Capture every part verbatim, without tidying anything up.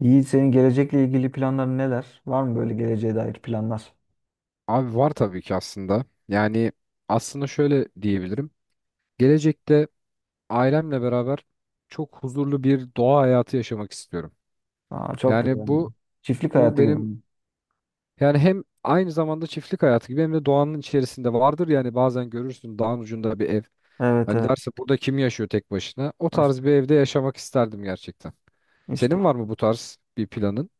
Yiğit, senin gelecekle ilgili planların neler? Var mı böyle geleceğe dair planlar? Abi var tabii ki aslında. Yani aslında şöyle diyebilirim. Gelecekte ailemle beraber çok huzurlu bir doğa hayatı yaşamak istiyorum. Aa, çok güzel. Yani bu Çiftlik bu hayatı gibi benim, mi? yani hem aynı zamanda çiftlik hayatı gibi hem de doğanın içerisinde vardır. Yani bazen görürsün dağın ucunda bir ev. Evet, Hani evet. derse burada kim yaşıyor tek başına? O tarz bir evde yaşamak isterdim gerçekten. İşte Senin var mı bu tarz bir planın?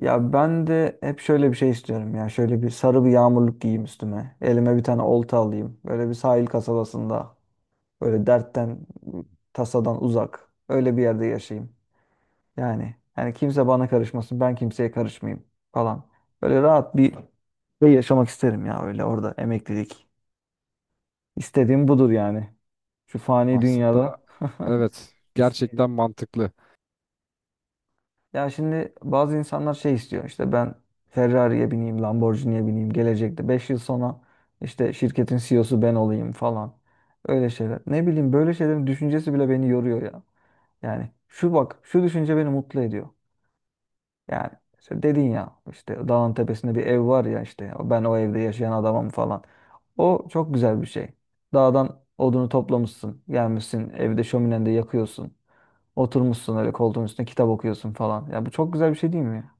ya ben de hep şöyle bir şey istiyorum ya. Şöyle bir sarı bir yağmurluk giyeyim üstüme. Elime bir tane olta alayım. Böyle bir sahil kasabasında. Böyle dertten, tasadan uzak. Öyle bir yerde yaşayayım. Yani yani kimse bana karışmasın. Ben kimseye karışmayayım falan. Böyle rahat bir şey yaşamak isterim ya, öyle orada emeklilik. İstediğim budur yani. Şu fani Aslında dünyada evet, gerçekten isteyeceğim. mantıklı. Ya şimdi bazı insanlar şey istiyor. İşte ben Ferrari'ye bineyim, Lamborghini'ye bineyim, gelecekte beş yıl sonra işte şirketin C E O'su ben olayım falan. Öyle şeyler. Ne bileyim, böyle şeylerin düşüncesi bile beni yoruyor ya. Yani şu bak, şu düşünce beni mutlu ediyor. Yani işte dedin ya, işte dağın tepesinde bir ev var ya, işte ben o evde yaşayan adamım falan. O çok güzel bir şey. Dağdan odunu toplamışsın, gelmişsin evde şöminende yakıyorsun. Oturmuşsun öyle koltuğun üstüne kitap okuyorsun falan. Ya bu çok güzel bir şey değil mi ya?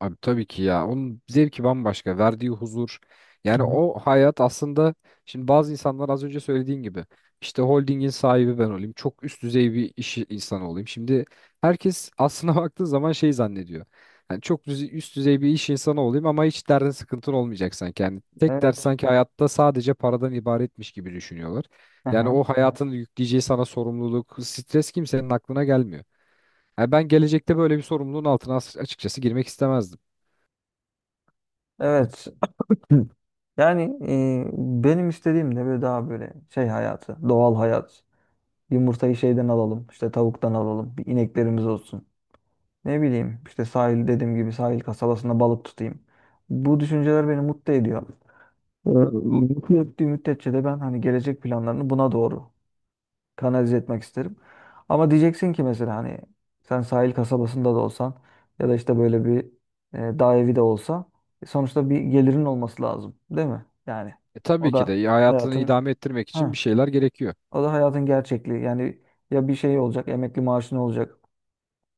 Abi tabii ki ya. Onun zevki bambaşka. Verdiği huzur. Yani o hayat aslında, şimdi bazı insanlar az önce söylediğin gibi işte holdingin sahibi ben olayım. Çok üst düzey bir iş insanı olayım. Şimdi herkes aslına baktığı zaman şey zannediyor. Yani çok düze- üst düzey bir iş insanı olayım ama hiç derdin sıkıntın olmayacak sanki. Yani tek dert Evet. sanki hayatta sadece paradan ibaretmiş gibi düşünüyorlar. Yani Aha. o hayatın yükleyeceği sana sorumluluk, stres kimsenin aklına gelmiyor. Yani ben gelecekte böyle bir sorumluluğun altına as- açıkçası girmek istemezdim. Evet. Hı. Evet. Yani e, benim istediğim de böyle daha böyle şey hayatı, doğal hayat. Yumurtayı şeyden alalım, işte tavuktan alalım, bir ineklerimiz olsun. Ne bileyim, işte sahil dediğim gibi sahil kasabasında balık tutayım. Bu düşünceler beni mutlu ediyor. Ee, Mutlu ettiği müddetçe de ben hani gelecek planlarını buna doğru kanalize etmek isterim. Ama diyeceksin ki mesela hani sen sahil kasabasında da olsan ya da işte böyle bir e, dağ evi de olsa, e, sonuçta bir gelirin olması lazım, değil mi? Yani E, tabii o ki de da ya, hayatını hayatın idame ettirmek için bir ha, şeyler gerekiyor. o da hayatın gerçekliği. Yani ya bir şey olacak, emekli maaşın olacak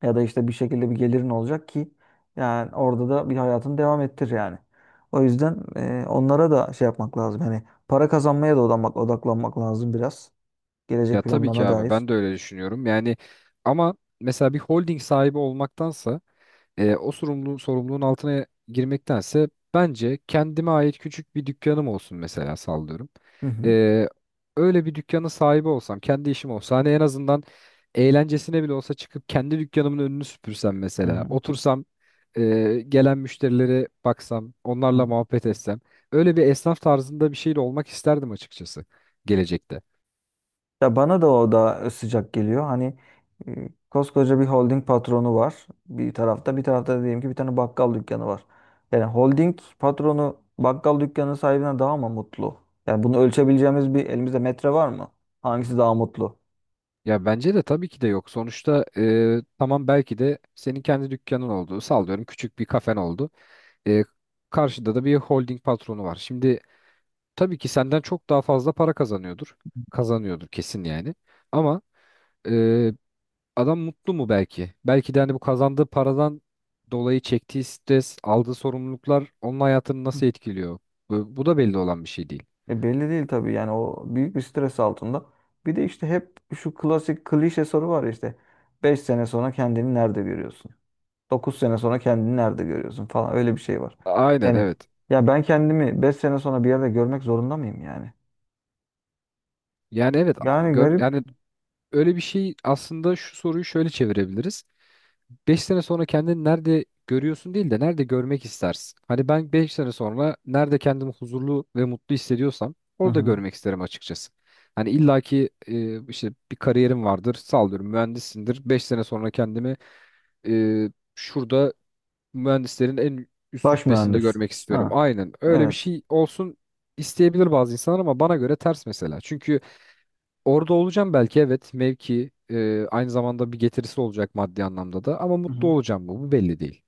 ya da işte bir şekilde bir gelirin olacak ki yani orada da bir hayatını devam ettir yani. O yüzden e, onlara da şey yapmak lazım. Hani para kazanmaya da odaklanmak, odaklanmak lazım biraz. Ya Gelecek tabii ki planlarına abi, dair. ben de öyle düşünüyorum. Yani ama mesela bir holding sahibi olmaktansa, e, o sorumluluğun, sorumluluğun altına girmektense bence kendime ait küçük bir dükkanım olsun mesela, sallıyorum. Hı hı. E, öyle bir dükkanın sahibi olsam, kendi işim olsa, hani en azından eğlencesine bile olsa çıkıp kendi dükkanımın önünü süpürsem Hı mesela, hı. otursam, e, gelen müşterilere baksam, onlarla Hı. muhabbet etsem. Öyle bir esnaf tarzında bir şey de olmak isterdim açıkçası, gelecekte. Ya bana da o da sıcak geliyor. Hani e, koskoca bir holding patronu var bir tarafta, bir tarafta da diyelim ki bir tane bakkal dükkanı var. Yani holding patronu bakkal dükkanı sahibine daha mı mutlu? Yani bunu ölçebileceğimiz bir elimizde metre var mı? Hangisi daha mutlu? Ya bence de tabii ki de yok. Sonuçta e, tamam, belki de senin kendi dükkanın oldu. Sallıyorum, küçük bir kafen oldu. E, karşıda da bir holding patronu var. Şimdi tabii ki senden çok daha fazla para kazanıyordur. Kazanıyordur kesin yani. Ama e, adam mutlu mu belki? Belki de hani bu kazandığı paradan dolayı çektiği stres, aldığı sorumluluklar onun hayatını Hı. nasıl etkiliyor? Bu, bu da belli olan bir şey değil. E, belli değil tabii, yani o büyük bir stres altında. Bir de işte hep şu klasik klişe soru var ya, işte beş sene sonra kendini nerede görüyorsun? Dokuz sene sonra kendini nerede görüyorsun falan, öyle bir şey var. Aynen Yani evet. ya ben kendimi beş sene sonra bir yerde görmek zorunda mıyım yani? Yani evet, a- Yani gör, garip. yani öyle bir şey aslında, şu soruyu şöyle çevirebiliriz. Beş sene sonra kendini nerede görüyorsun değil de nerede görmek istersin? Hani ben beş sene sonra nerede kendimi huzurlu ve mutlu hissediyorsam Hı orada hı. görmek isterim açıkçası. Hani illaki e, işte bir kariyerim vardır, sallıyorum mühendissindir. beş sene sonra kendimi e, şurada mühendislerin en üst Baş rütbesinde mühendis. görmek istiyorum. Ha, Aynen öyle bir evet. şey olsun isteyebilir bazı insanlar ama bana göre ters mesela. Çünkü orada olacağım belki, evet, mevki, e, aynı zamanda bir getirisi olacak maddi anlamda da, ama Hı mutlu hı. olacağım mı, bu belli değil.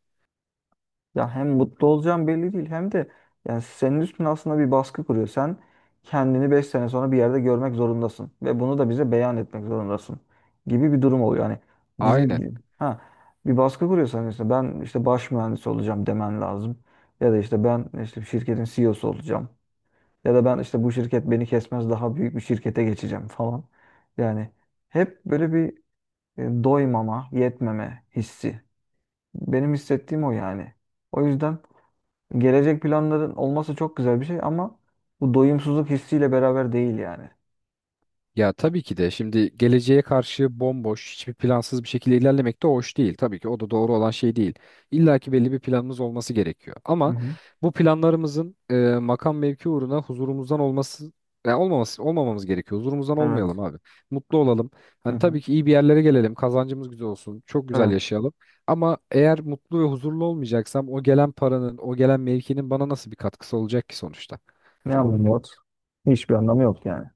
Ya hem mutlu olacağım belli değil, hem de yani senin üstüne aslında bir baskı kuruyor. Sen kendini beş sene sonra bir yerde görmek zorundasın ve bunu da bize beyan etmek zorundasın gibi bir durum oluyor. Yani bize Aynen. ha bir baskı kuruyorsan, işte ben işte baş mühendis olacağım demen lazım. Ya da işte ben işte şirketin C E O'su olacağım. Ya da ben işte bu şirket beni kesmez, daha büyük bir şirkete geçeceğim falan. Yani hep böyle bir e, doymama, yetmeme hissi. Benim hissettiğim o yani. O yüzden gelecek planların olması çok güzel bir şey, ama bu doyumsuzluk hissiyle beraber değil yani. Ya tabii ki de, şimdi geleceğe karşı bomboş, hiçbir plansız bir şekilde ilerlemek de hoş değil. Tabii ki o da doğru olan şey değil. İlla ki belli bir planımız olması gerekiyor. Hı Ama hı. bu planlarımızın e, makam mevki uğruna huzurumuzdan olması ya olmaması, olmamamız gerekiyor. Huzurumuzdan Evet. olmayalım abi. Mutlu olalım. Hı Hani hı. tabii ki iyi bir yerlere gelelim. Kazancımız güzel olsun. Çok güzel Evet. yaşayalım. Ama eğer mutlu ve huzurlu olmayacaksam, o gelen paranın, o gelen mevkinin bana nasıl bir katkısı olacak ki sonuçta? Ne anlamı yok? Hiçbir anlamı yok yani.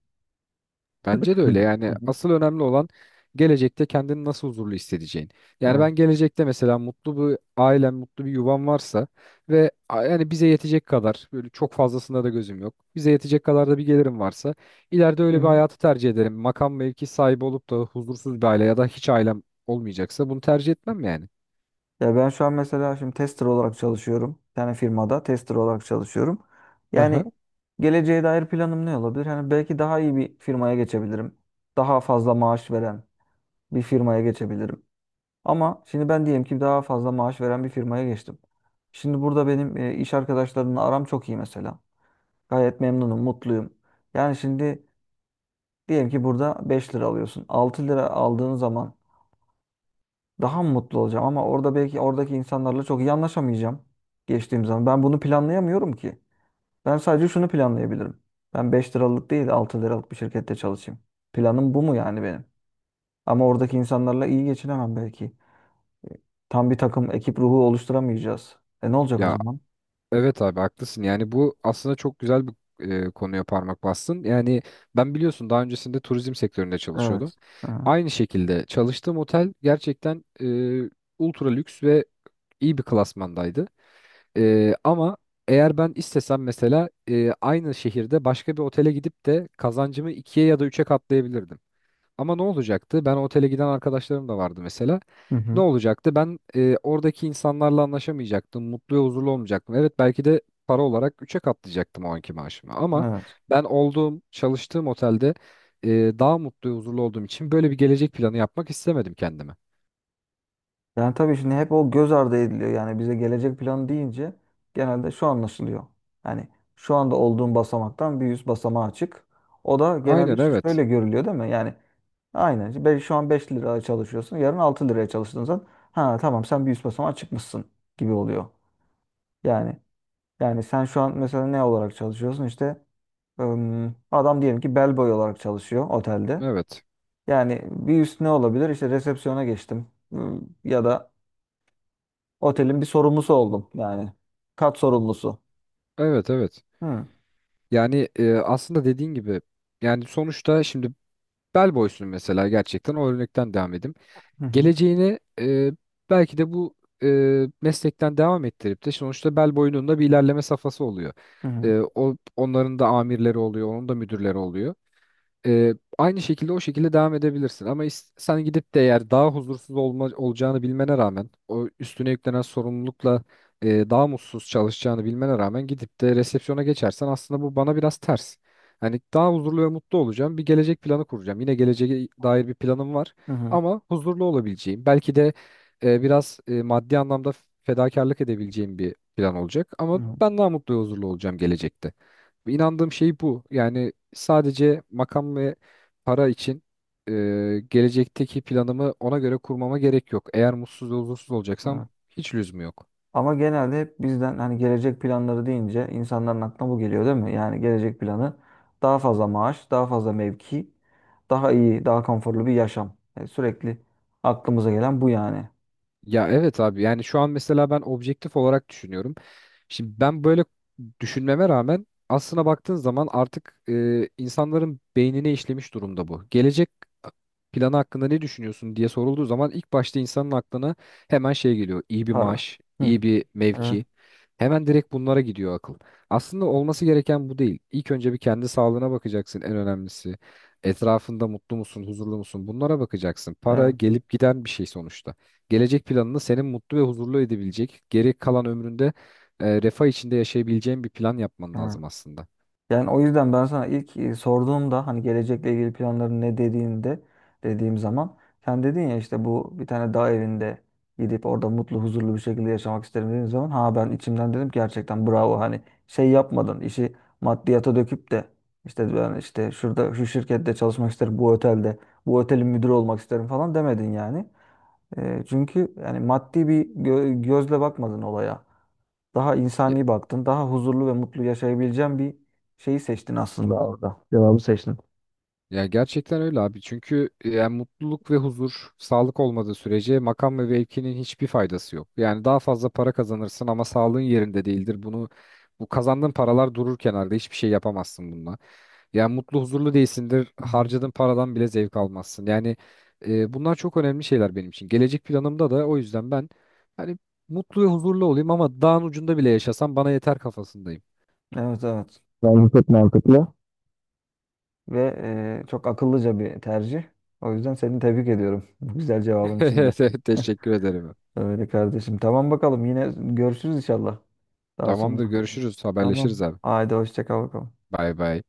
Bence de Hı öyle. Yani hı. asıl önemli olan gelecekte kendini nasıl huzurlu hissedeceğin. Yani Evet. ben gelecekte mesela mutlu bir ailem, mutlu bir yuvam varsa ve a- yani bize yetecek kadar, böyle çok fazlasında da gözüm yok. Bize yetecek kadar da bir gelirim varsa ileride Hı, öyle bir hı. hayatı tercih ederim. Makam mevki sahibi olup da huzursuz bir aile ya da hiç ailem olmayacaksa bunu tercih etmem yani. Ya ben şu an mesela şimdi tester olarak çalışıyorum. Bir tane firmada tester olarak çalışıyorum. Yani Aha. geleceğe dair planım ne olabilir? Hani belki daha iyi bir firmaya geçebilirim. Daha fazla maaş veren bir firmaya geçebilirim. Ama şimdi ben diyelim ki daha fazla maaş veren bir firmaya geçtim. Şimdi burada benim e, iş arkadaşlarımla aram çok iyi mesela. Gayet memnunum, mutluyum. Yani şimdi diyelim ki burada beş lira alıyorsun. altı lira aldığın zaman daha mı mutlu olacağım, ama orada belki oradaki insanlarla çok iyi anlaşamayacağım geçtiğim zaman. Ben bunu planlayamıyorum ki. Ben sadece şunu planlayabilirim. Ben beş liralık değil, altı liralık bir şirkette çalışayım. Planım bu mu yani benim? Ama oradaki insanlarla iyi geçinemem belki. Tam bir takım ekip ruhu oluşturamayacağız. E, ne olacak o Ya zaman? evet abi, haklısın. Yani bu aslında çok güzel bir, e, konuya parmak bastın. Yani ben biliyorsun, daha öncesinde turizm sektöründe çalışıyordum. Evet. Hı. Aynı şekilde çalıştığım otel gerçekten e, ultra lüks ve iyi bir klasmandaydı. E, ama eğer ben istesem mesela, e, aynı şehirde başka bir otele gidip de kazancımı ikiye ya da üçe katlayabilirdim. Ama ne olacaktı? Ben otele giden arkadaşlarım da vardı mesela. Hı Ne hı. olacaktı? Ben e, oradaki insanlarla anlaşamayacaktım. Mutlu ve huzurlu olmayacaktım. Evet, belki de para olarak üçe katlayacaktım o anki maaşımı. Ama Evet. ben olduğum, çalıştığım otelde e, daha mutlu ve huzurlu olduğum için böyle bir gelecek planı yapmak istemedim kendime. Yani tabii şimdi hep o göz ardı ediliyor. Yani bize gelecek planı deyince genelde şu anlaşılıyor. Yani şu anda olduğun basamaktan bir yüz basamağa çık. O da genelde Aynen şu- evet. şöyle görülüyor, değil mi? Yani aynen. işte be- şu an beş liraya çalışıyorsun. Yarın altı liraya çalıştığın zaman ha tamam, sen bir yüz basamağa çıkmışsın gibi oluyor. Yani yani sen şu an mesela ne olarak çalışıyorsun? İşte ım, adam diyelim ki bellboy olarak çalışıyor otelde. Evet. Yani bir üst ne olabilir? İşte resepsiyona geçtim. Im, Ya da otelin bir sorumlusu oldum yani. Kat sorumlusu. Evet evet. Hı Yani e, aslında dediğin gibi, yani sonuçta şimdi bel boysun mesela, gerçekten o örnekten devam edeyim. hı hı Geleceğini e, belki de bu e, meslekten devam ettirip de, sonuçta bel boyunun da bir ilerleme safhası oluyor. hı hı E, o, onların da amirleri oluyor, onun da müdürleri oluyor. Ee, aynı şekilde o şekilde devam edebilirsin. Ama is- sen gidip de, eğer daha huzursuz olma, olacağını bilmene rağmen, o üstüne yüklenen sorumlulukla e, daha mutsuz çalışacağını bilmene rağmen gidip de resepsiyona geçersen, aslında bu bana biraz ters. Hani daha huzurlu ve mutlu olacağım. Bir gelecek planı kuracağım. Yine geleceğe dair bir planım var hı hı. ama huzurlu olabileceğim. Belki de e, biraz e, maddi anlamda fedakarlık edebileceğim bir plan olacak ama Hı, ben daha mutlu ve huzurlu olacağım gelecekte. İnandığım şey bu. Yani sadece makam ve para için e, gelecekteki planımı ona göre kurmama gerek yok. Eğer mutsuz ve huzursuz olacaksam evet. hiç lüzumu yok. Ama genelde hep bizden hani gelecek planları deyince insanların aklına bu geliyor, değil mi? Yani gelecek planı daha fazla maaş, daha fazla mevki, daha iyi, daha konforlu bir yaşam. Yani sürekli aklımıza gelen bu yani. Ya evet abi, yani şu an mesela ben objektif olarak düşünüyorum. Şimdi ben böyle düşünmeme rağmen, aslına baktığın zaman artık e, insanların beynine işlemiş durumda bu. Gelecek planı hakkında ne düşünüyorsun diye sorulduğu zaman ilk başta insanın aklına hemen şey geliyor. İyi bir Para. maaş, Hı. iyi bir Evet, mevki. Hemen direkt bunlara gidiyor akıl. Aslında olması gereken bu değil. İlk önce bir kendi sağlığına bakacaksın, en önemlisi. Etrafında mutlu musun, huzurlu musun? Bunlara bakacaksın. Para evet, gelip giden bir şey sonuçta. Gelecek planını senin mutlu ve huzurlu edebilecek, geri kalan ömründe e, refah içinde yaşayabileceğin bir plan yapman evet. lazım aslında. Yani o yüzden ben sana ilk e, sorduğumda hani gelecekle ilgili planların ne dediğinde dediğim zaman sen dedin ya, işte bu bir tane dağ evinde gidip orada mutlu huzurlu bir şekilde yaşamak isterim dediğim zaman ha ben içimden dedim ki gerçekten bravo, hani şey yapmadın, işi maddiyata döküp de işte ben işte şurada şu şirkette çalışmak isterim, bu otelde bu otelin müdürü olmak isterim falan demedin yani. E, çünkü yani maddi bir gö- gözle bakmadın olaya. Daha Ya, insani baktın. Daha huzurlu ve mutlu yaşayabileceğin bir şeyi seçtin aslında orada. Cevabı seçtin. ya gerçekten öyle abi. Çünkü e, yani mutluluk ve huzur, sağlık olmadığı sürece makam ve mevkinin hiçbir faydası yok. Yani daha fazla para kazanırsın ama sağlığın yerinde değildir. Bunu bu kazandığın paralar durur kenarda. Hiçbir şey yapamazsın bununla. Yani mutlu huzurlu değilsindir. Hı hı. Harcadığın paradan bile zevk almazsın. Yani e, bunlar çok önemli şeyler benim için. Gelecek planımda da o yüzden ben hani mutlu ve huzurlu olayım ama dağın ucunda bile yaşasam bana yeter kafasındayım. Evet, evet. Bence çok mantıklı. Ve e, çok akıllıca bir tercih. O yüzden seni tebrik ediyorum. Bu güzel cevabın içinde. Evet evet, teşekkür ederim. Öyle kardeşim. Tamam bakalım. Yine görüşürüz inşallah daha sonra. Tamamdır, görüşürüz, Tamam. haberleşiriz abi. Haydi hoşça kal bakalım. Bay bay.